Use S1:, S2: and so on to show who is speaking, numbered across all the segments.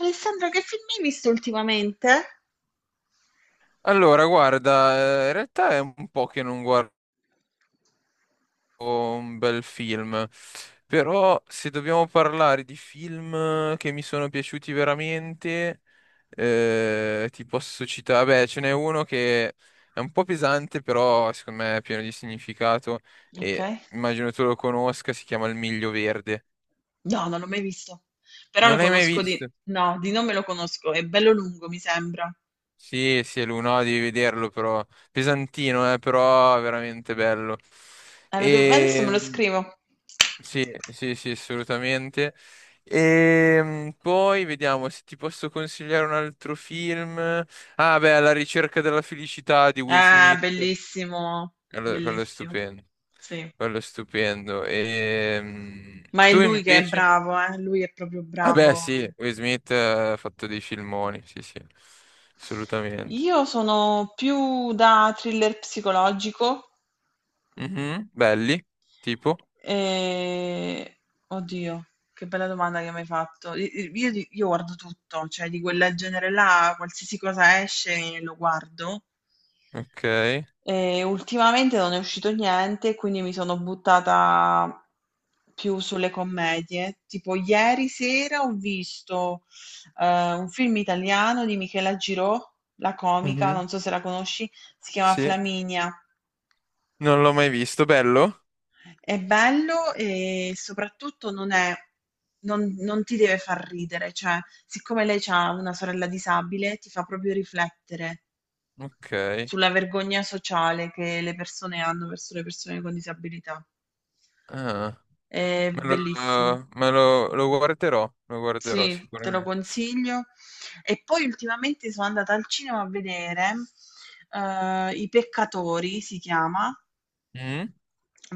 S1: Alessandra, che film hai visto ultimamente?
S2: Allora, guarda, in realtà è un po' che non guardo un bel film, però se dobbiamo parlare di film che mi sono piaciuti veramente, ti posso citare, beh, ce n'è uno che è un po' pesante, però secondo me è pieno di significato
S1: Ok?
S2: e immagino tu lo conosca, si chiama Il Miglio Verde.
S1: No, non l'ho mai visto. Però
S2: Non
S1: lo
S2: l'hai mai
S1: conosco di...
S2: visto?
S1: No, di nome lo conosco. È bello lungo, mi sembra.
S2: Sì, sì, è lui, no, devi vederlo però, pesantino, però veramente bello.
S1: Allora, adesso me lo
S2: E...
S1: scrivo.
S2: Sì, sì, sì, assolutamente. E poi vediamo se ti posso consigliare un altro film. Ah, beh, La ricerca della felicità di Will
S1: Ah,
S2: Smith.
S1: bellissimo.
S2: Quello è
S1: Bellissimo.
S2: stupendo.
S1: Sì.
S2: Quello è stupendo. E
S1: Ma è
S2: tu
S1: lui che è
S2: invece?
S1: bravo, eh? Lui è proprio
S2: Ah, beh,
S1: bravo.
S2: sì, Will Smith ha fatto dei filmoni. Sì, sì, assolutamente.
S1: Io sono più da thriller psicologico.
S2: Mhm, belli, tipo.
S1: E... Oddio, che bella domanda che mi hai fatto. Io, io guardo tutto, cioè di quel genere là, qualsiasi cosa esce lo guardo.
S2: Ok.
S1: E ultimamente non è uscito niente, quindi mi sono buttata più sulle commedie. Tipo ieri sera ho visto un film italiano di Michela Girò, la comica,
S2: Mhm,
S1: non so se la conosci, si chiama
S2: sì,
S1: Flaminia.
S2: non l'ho mai visto. Bello?
S1: È bello e soprattutto non ti deve far ridere, cioè siccome lei c'ha una sorella disabile, ti fa proprio riflettere
S2: Ok.
S1: sulla vergogna sociale che le persone hanno verso le persone con disabilità.
S2: Ah.
S1: È bellissimo.
S2: Lo guarderò
S1: Sì, te lo
S2: sicuramente.
S1: consiglio. E poi ultimamente sono andata al cinema a vedere, I Peccatori, si chiama.
S2: Mm?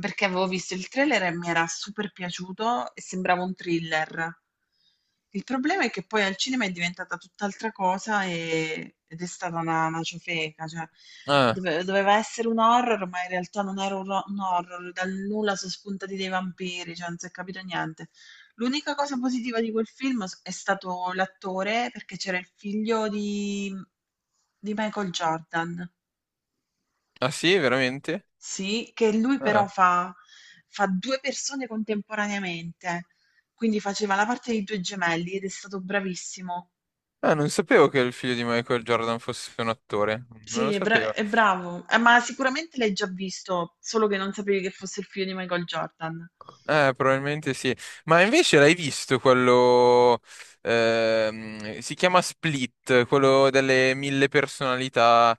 S1: Perché avevo visto il trailer e mi era super piaciuto e sembrava un thriller. Il problema è che poi al cinema è diventata tutt'altra cosa ed è stata una ciofeca, cioè
S2: Ah,
S1: doveva essere un horror, ma in realtà non era un horror, dal nulla sono spuntati dei vampiri, cioè non si è capito niente. L'unica cosa positiva di quel film è stato l'attore, perché c'era il figlio di Michael Jordan,
S2: ah sì, veramente?
S1: sì, che lui però
S2: Ah.
S1: fa 2 persone contemporaneamente, quindi faceva la parte di 2 gemelli ed è stato bravissimo.
S2: Ah, non sapevo che il figlio di Michael Jordan fosse un attore, non
S1: Sì,
S2: lo sapevo.
S1: è bravo, ma sicuramente l'hai già visto, solo che non sapevi che fosse il figlio di Michael Jordan.
S2: Probabilmente sì. Ma invece l'hai visto quello, si chiama Split, quello delle mille personalità.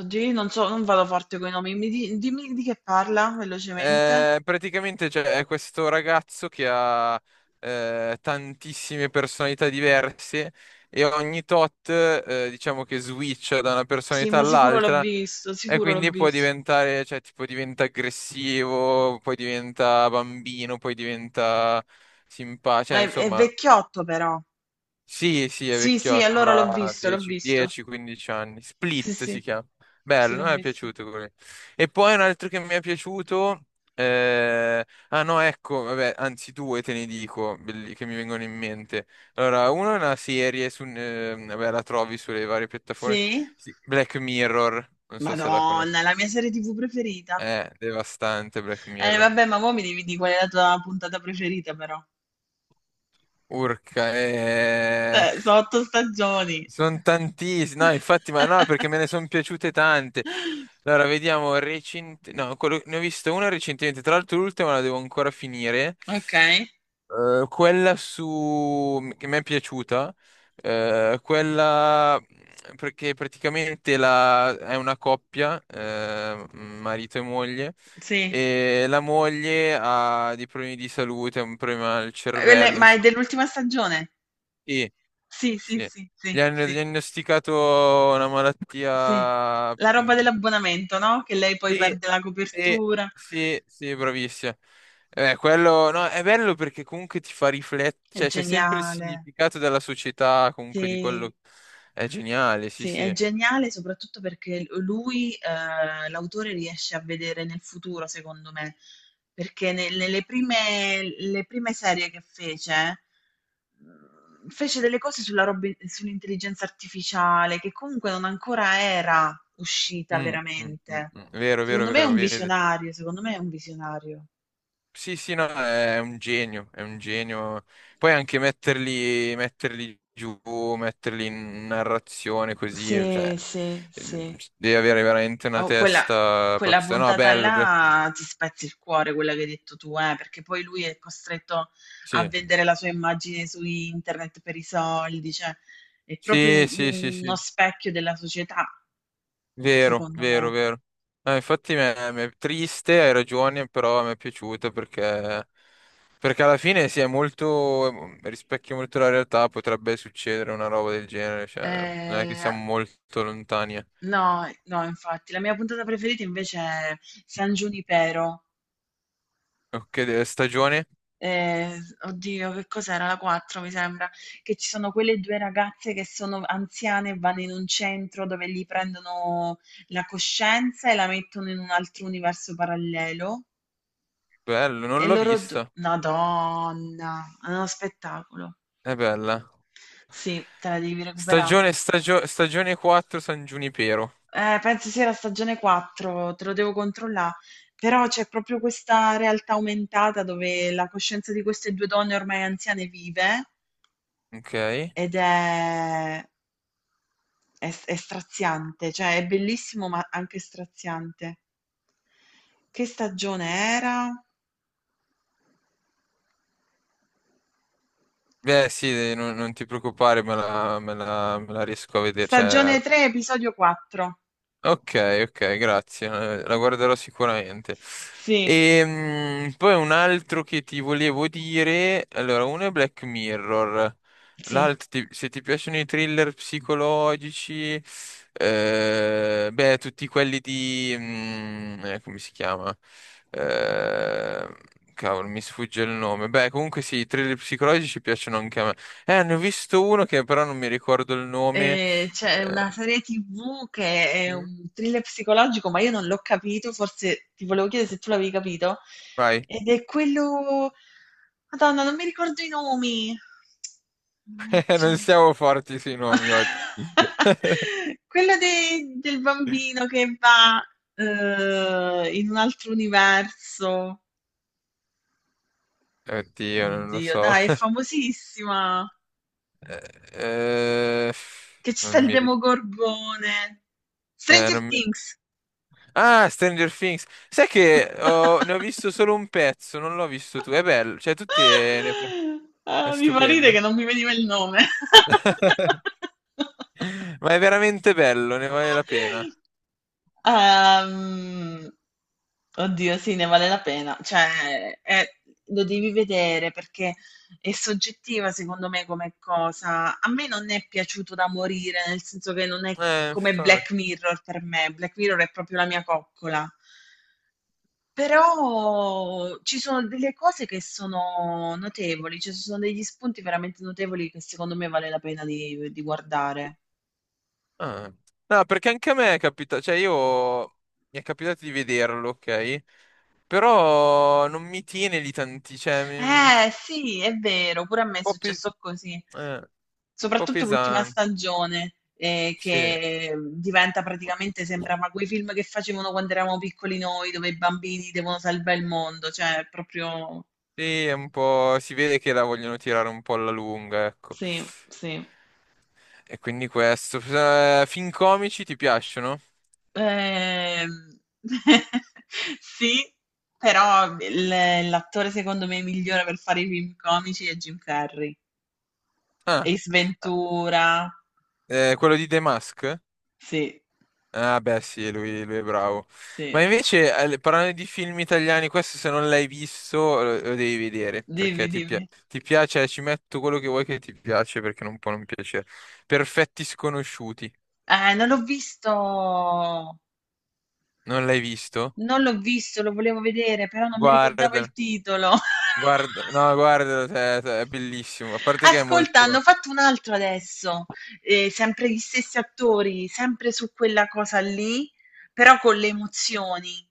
S1: Oddio, io non so, non vado forte con i nomi, dimmi di che parla velocemente.
S2: Praticamente c'è è questo ragazzo che ha tantissime personalità diverse e ogni tot, diciamo che switch da una
S1: Sì,
S2: personalità
S1: ma sicuro l'ho
S2: all'altra
S1: visto,
S2: e
S1: sicuro l'ho
S2: quindi può
S1: visto.
S2: diventare, cioè tipo diventa aggressivo, poi diventa bambino, poi diventa simpatico, cioè
S1: È
S2: insomma
S1: vecchiotto però.
S2: sì, sì, è
S1: Sì, sì,
S2: vecchiotto,
S1: allora l'ho
S2: avrà
S1: visto, l'ho
S2: 10,
S1: visto.
S2: 10-15 anni.
S1: Sì,
S2: Split si
S1: sì,
S2: chiama.
S1: sì,
S2: Bello,
S1: l'ho
S2: mi è
S1: visto.
S2: piaciuto quello. E poi un altro che mi è piaciuto. eh, Ah no, ecco, vabbè, anzi due te ne dico, che mi vengono in mente. Allora, uno è una serie, vabbè, la trovi sulle varie piattaforme.
S1: Sì?
S2: Sì, Black Mirror, non so se la conosci.
S1: Madonna, è la mia serie TV preferita.
S2: Devastante Black Mirror.
S1: Vabbè, ma mo' mi devi dì qual è la tua puntata preferita però.
S2: Urca,
S1: Sono 8 stagioni.
S2: sono tantissime, no, infatti, ma no, perché me ne sono piaciute tante. Allora, vediamo, no, ne ho vista una recentemente, tra l'altro l'ultima la devo ancora finire.
S1: Okay,
S2: Quella che mi è piaciuta, quella perché praticamente è una coppia, marito e moglie,
S1: sì.
S2: e la moglie ha dei problemi di salute, ha un problema al
S1: Quelle
S2: cervello,
S1: ma è
S2: insomma.
S1: dell'ultima stagione?
S2: Sì.
S1: Sì, sì,
S2: Sì.
S1: sì,
S2: Gli
S1: sì,
S2: hanno
S1: sì,
S2: diagnosticato una
S1: sì.
S2: malattia.
S1: La roba
S2: Mm,
S1: dell'abbonamento, no, che lei poi
S2: sì,
S1: perde la
S2: sì,
S1: copertura.
S2: sì, sì, bravissima. Quello no, è bello perché comunque ti fa riflettere,
S1: È
S2: cioè c'è sempre il
S1: geniale.
S2: significato della società, comunque di
S1: Sì.
S2: quello è geniale, sì,
S1: Sì, è
S2: sì.
S1: geniale soprattutto perché l lui, l'autore riesce a vedere nel futuro secondo me, perché ne nelle prime le prime serie che fece, fece delle cose sulla robe sull'intelligenza artificiale che comunque non ancora era uscita
S2: Mm, mm, mm,
S1: veramente.
S2: mm. Vero, vero,
S1: Secondo me è
S2: vero,
S1: un
S2: vedi.
S1: visionario, secondo me è un visionario.
S2: Sì, sì, no, è un genio, è un genio. Poi anche metterli giù, metterli in narrazione così, cioè,
S1: Sì, sì,
S2: eh,
S1: sì.
S2: devi avere veramente una
S1: Oh,
S2: testa
S1: quella
S2: pazza. No,
S1: puntata
S2: bello,
S1: là ti spezzi il cuore, quella che hai detto tu, perché poi lui è costretto a
S2: Sì,
S1: vendere la sua immagine su internet per i soldi, cioè è proprio
S2: sì, sì, sì,
S1: uno
S2: sì,
S1: specchio della società,
S2: vero,
S1: secondo
S2: vero,
S1: me.
S2: vero. No, infatti mi è triste, hai ragione, però mi è piaciuta perché alla fine si è molto, rispecchia molto la realtà, potrebbe succedere una roba del genere, cioè, non è che
S1: Eh,
S2: siamo molto lontani.
S1: no, no, infatti, la mia puntata preferita invece è San Giunipero.
S2: Ok, stagione?
S1: Ehm, oddio che cos'era? La 4 mi sembra, che ci sono quelle 2 ragazze che sono anziane e vanno in un centro dove gli prendono la coscienza e la mettono in un altro universo parallelo
S2: Bello,
S1: e
S2: non l'ho
S1: loro du
S2: vista.
S1: Madonna, è uno spettacolo.
S2: È bella.
S1: Sì, te la devi recuperà.
S2: Stagione 4, San Giunipero.
S1: Penso sia la stagione 4, te lo devo controllà. Però c'è proprio questa realtà aumentata dove la coscienza di queste 2 donne ormai anziane vive
S2: Ok.
S1: ed è È s è straziante, cioè è bellissimo, ma anche straziante. Che stagione era?
S2: Beh, sì, non ti preoccupare, me la riesco a vedere. Cioè,
S1: Stagione 3, episodio 4.
S2: ok, ok, grazie, la guarderò sicuramente.
S1: Sì,
S2: E poi un altro che ti volevo dire, allora, uno è Black Mirror,
S1: sì.
S2: l'altro, se ti piacciono i thriller psicologici, beh, tutti quelli di, come si chiama? Eh, cavolo, mi sfugge il nome. Beh, comunque sì, i thriller psicologici piacciono anche a me. Ne ho visto uno che però non mi ricordo il nome.
S1: C'è una
S2: eh,
S1: serie TV che è
S2: Mm.
S1: un thriller psicologico, ma io non l'ho capito, forse ti volevo chiedere se tu l'avevi capito.
S2: Vai.
S1: Ed è quello... Madonna, non mi ricordo i nomi. Mannaggia.
S2: Non siamo forti sui nomi oggi.
S1: Quello del bambino che va, in un altro universo.
S2: Oddio, non lo
S1: Oddio,
S2: so.
S1: dai, è famosissima.
S2: Eh, eh,
S1: Che ci sta
S2: non
S1: il
S2: mi... ri-
S1: Demogorgone. Stranger
S2: non mi-
S1: Things.
S2: Ah, Stranger Things. Sai che ne ho visto solo un pezzo, non l'ho visto tu. È bello, cioè è
S1: Ah, mi fa ridere che
S2: stupendo.
S1: non mi veniva il nome.
S2: Ma è veramente bello, ne vale la pena.
S1: Ehm, oddio, sì, ne vale la pena. Cioè, lo devi vedere perché è soggettiva, secondo me, come cosa. A me non è piaciuto da morire, nel senso che non è
S2: Eh,
S1: come
S2: infa-
S1: Black Mirror per me. Black Mirror è proprio la mia coccola. Però ci sono delle cose che sono notevoli, cioè ci sono degli spunti veramente notevoli che secondo me vale la pena di guardare.
S2: ah. No, perché anche a me è capitato, cioè io mi è capitato di vederlo, ok? Però non mi tiene lì tanti, cioè, mi-
S1: Eh sì, è vero, pure a me è
S2: po' pe-
S1: successo così,
S2: un po'
S1: soprattutto l'ultima
S2: pesante,
S1: stagione,
S2: sì.
S1: che diventa praticamente, sembrava quei film che facevano quando eravamo piccoli noi, dove i bambini devono salvare il mondo, cioè è proprio...
S2: Sì, è un po', si vede che la vogliono tirare un po' alla lunga, ecco.
S1: Sì, sì.
S2: E quindi questo. Film comici ti piacciono?
S1: Ehm, sì, però l'attore secondo me migliore per fare i film comici è Jim Carrey.
S2: Ah,
S1: Ace Ventura,
S2: quello di The Mask?
S1: sì,
S2: Ah, beh, sì, lui è bravo. Ma
S1: sì,
S2: invece, parlando di film italiani, questo se non l'hai visto, lo devi vedere, perché
S1: dimmi, dimmi.
S2: ti piace, ci metto quello che vuoi che ti piace, perché non può non piacere. Perfetti sconosciuti,
S1: Non l'ho visto,
S2: non l'hai visto?
S1: non l'ho visto, lo volevo vedere, però non mi ricordavo il
S2: Guarda.
S1: titolo.
S2: Guarda, no, guarda, cioè, è bellissimo. A parte che è
S1: Ascolta, hanno
S2: molto.
S1: fatto un altro adesso, sempre gli stessi attori, sempre su quella cosa lì, però con le emozioni.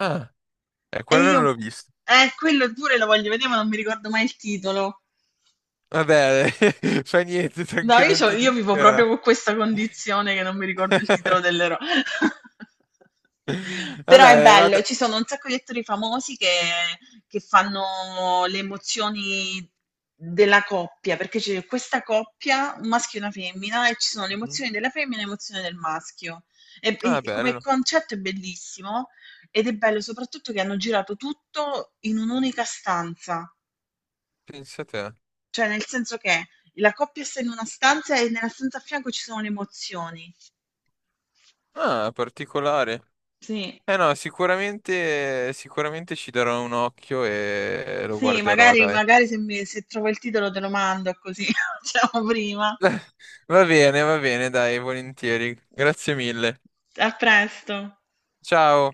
S2: Ah,
S1: E
S2: quello
S1: io,
S2: non l'ho visto.
S1: quello pure lo voglio vedere, ma non mi ricordo mai il titolo.
S2: Vabbè, fa niente,
S1: No,
S2: tanto
S1: io,
S2: non ti
S1: io vivo
S2: dispera.
S1: proprio con questa condizione che non mi ricordo il titolo dell'eroe. Però è
S2: Vabbè, vado.
S1: bello, ci sono un sacco di attori famosi che fanno le emozioni della coppia, perché c'è questa coppia, un maschio e una femmina, e ci sono le
S2: Mhm.
S1: emozioni della femmina e le emozioni del maschio.
S2: Ah,
S1: E come
S2: bello.
S1: concetto è bellissimo ed è bello soprattutto che hanno girato tutto in un'unica stanza.
S2: Pensa a te.
S1: Cioè, nel senso che la coppia sta in una stanza e nella stanza a fianco ci sono le emozioni.
S2: Ah, particolare.
S1: Sì,
S2: Eh no, sicuramente, sicuramente ci darò un occhio e lo
S1: sì,
S2: guarderò,
S1: magari,
S2: dai.
S1: magari se trovo il titolo te lo mando così facciamo prima.
S2: Va bene, dai, volentieri. Grazie mille.
S1: A presto.
S2: Ciao.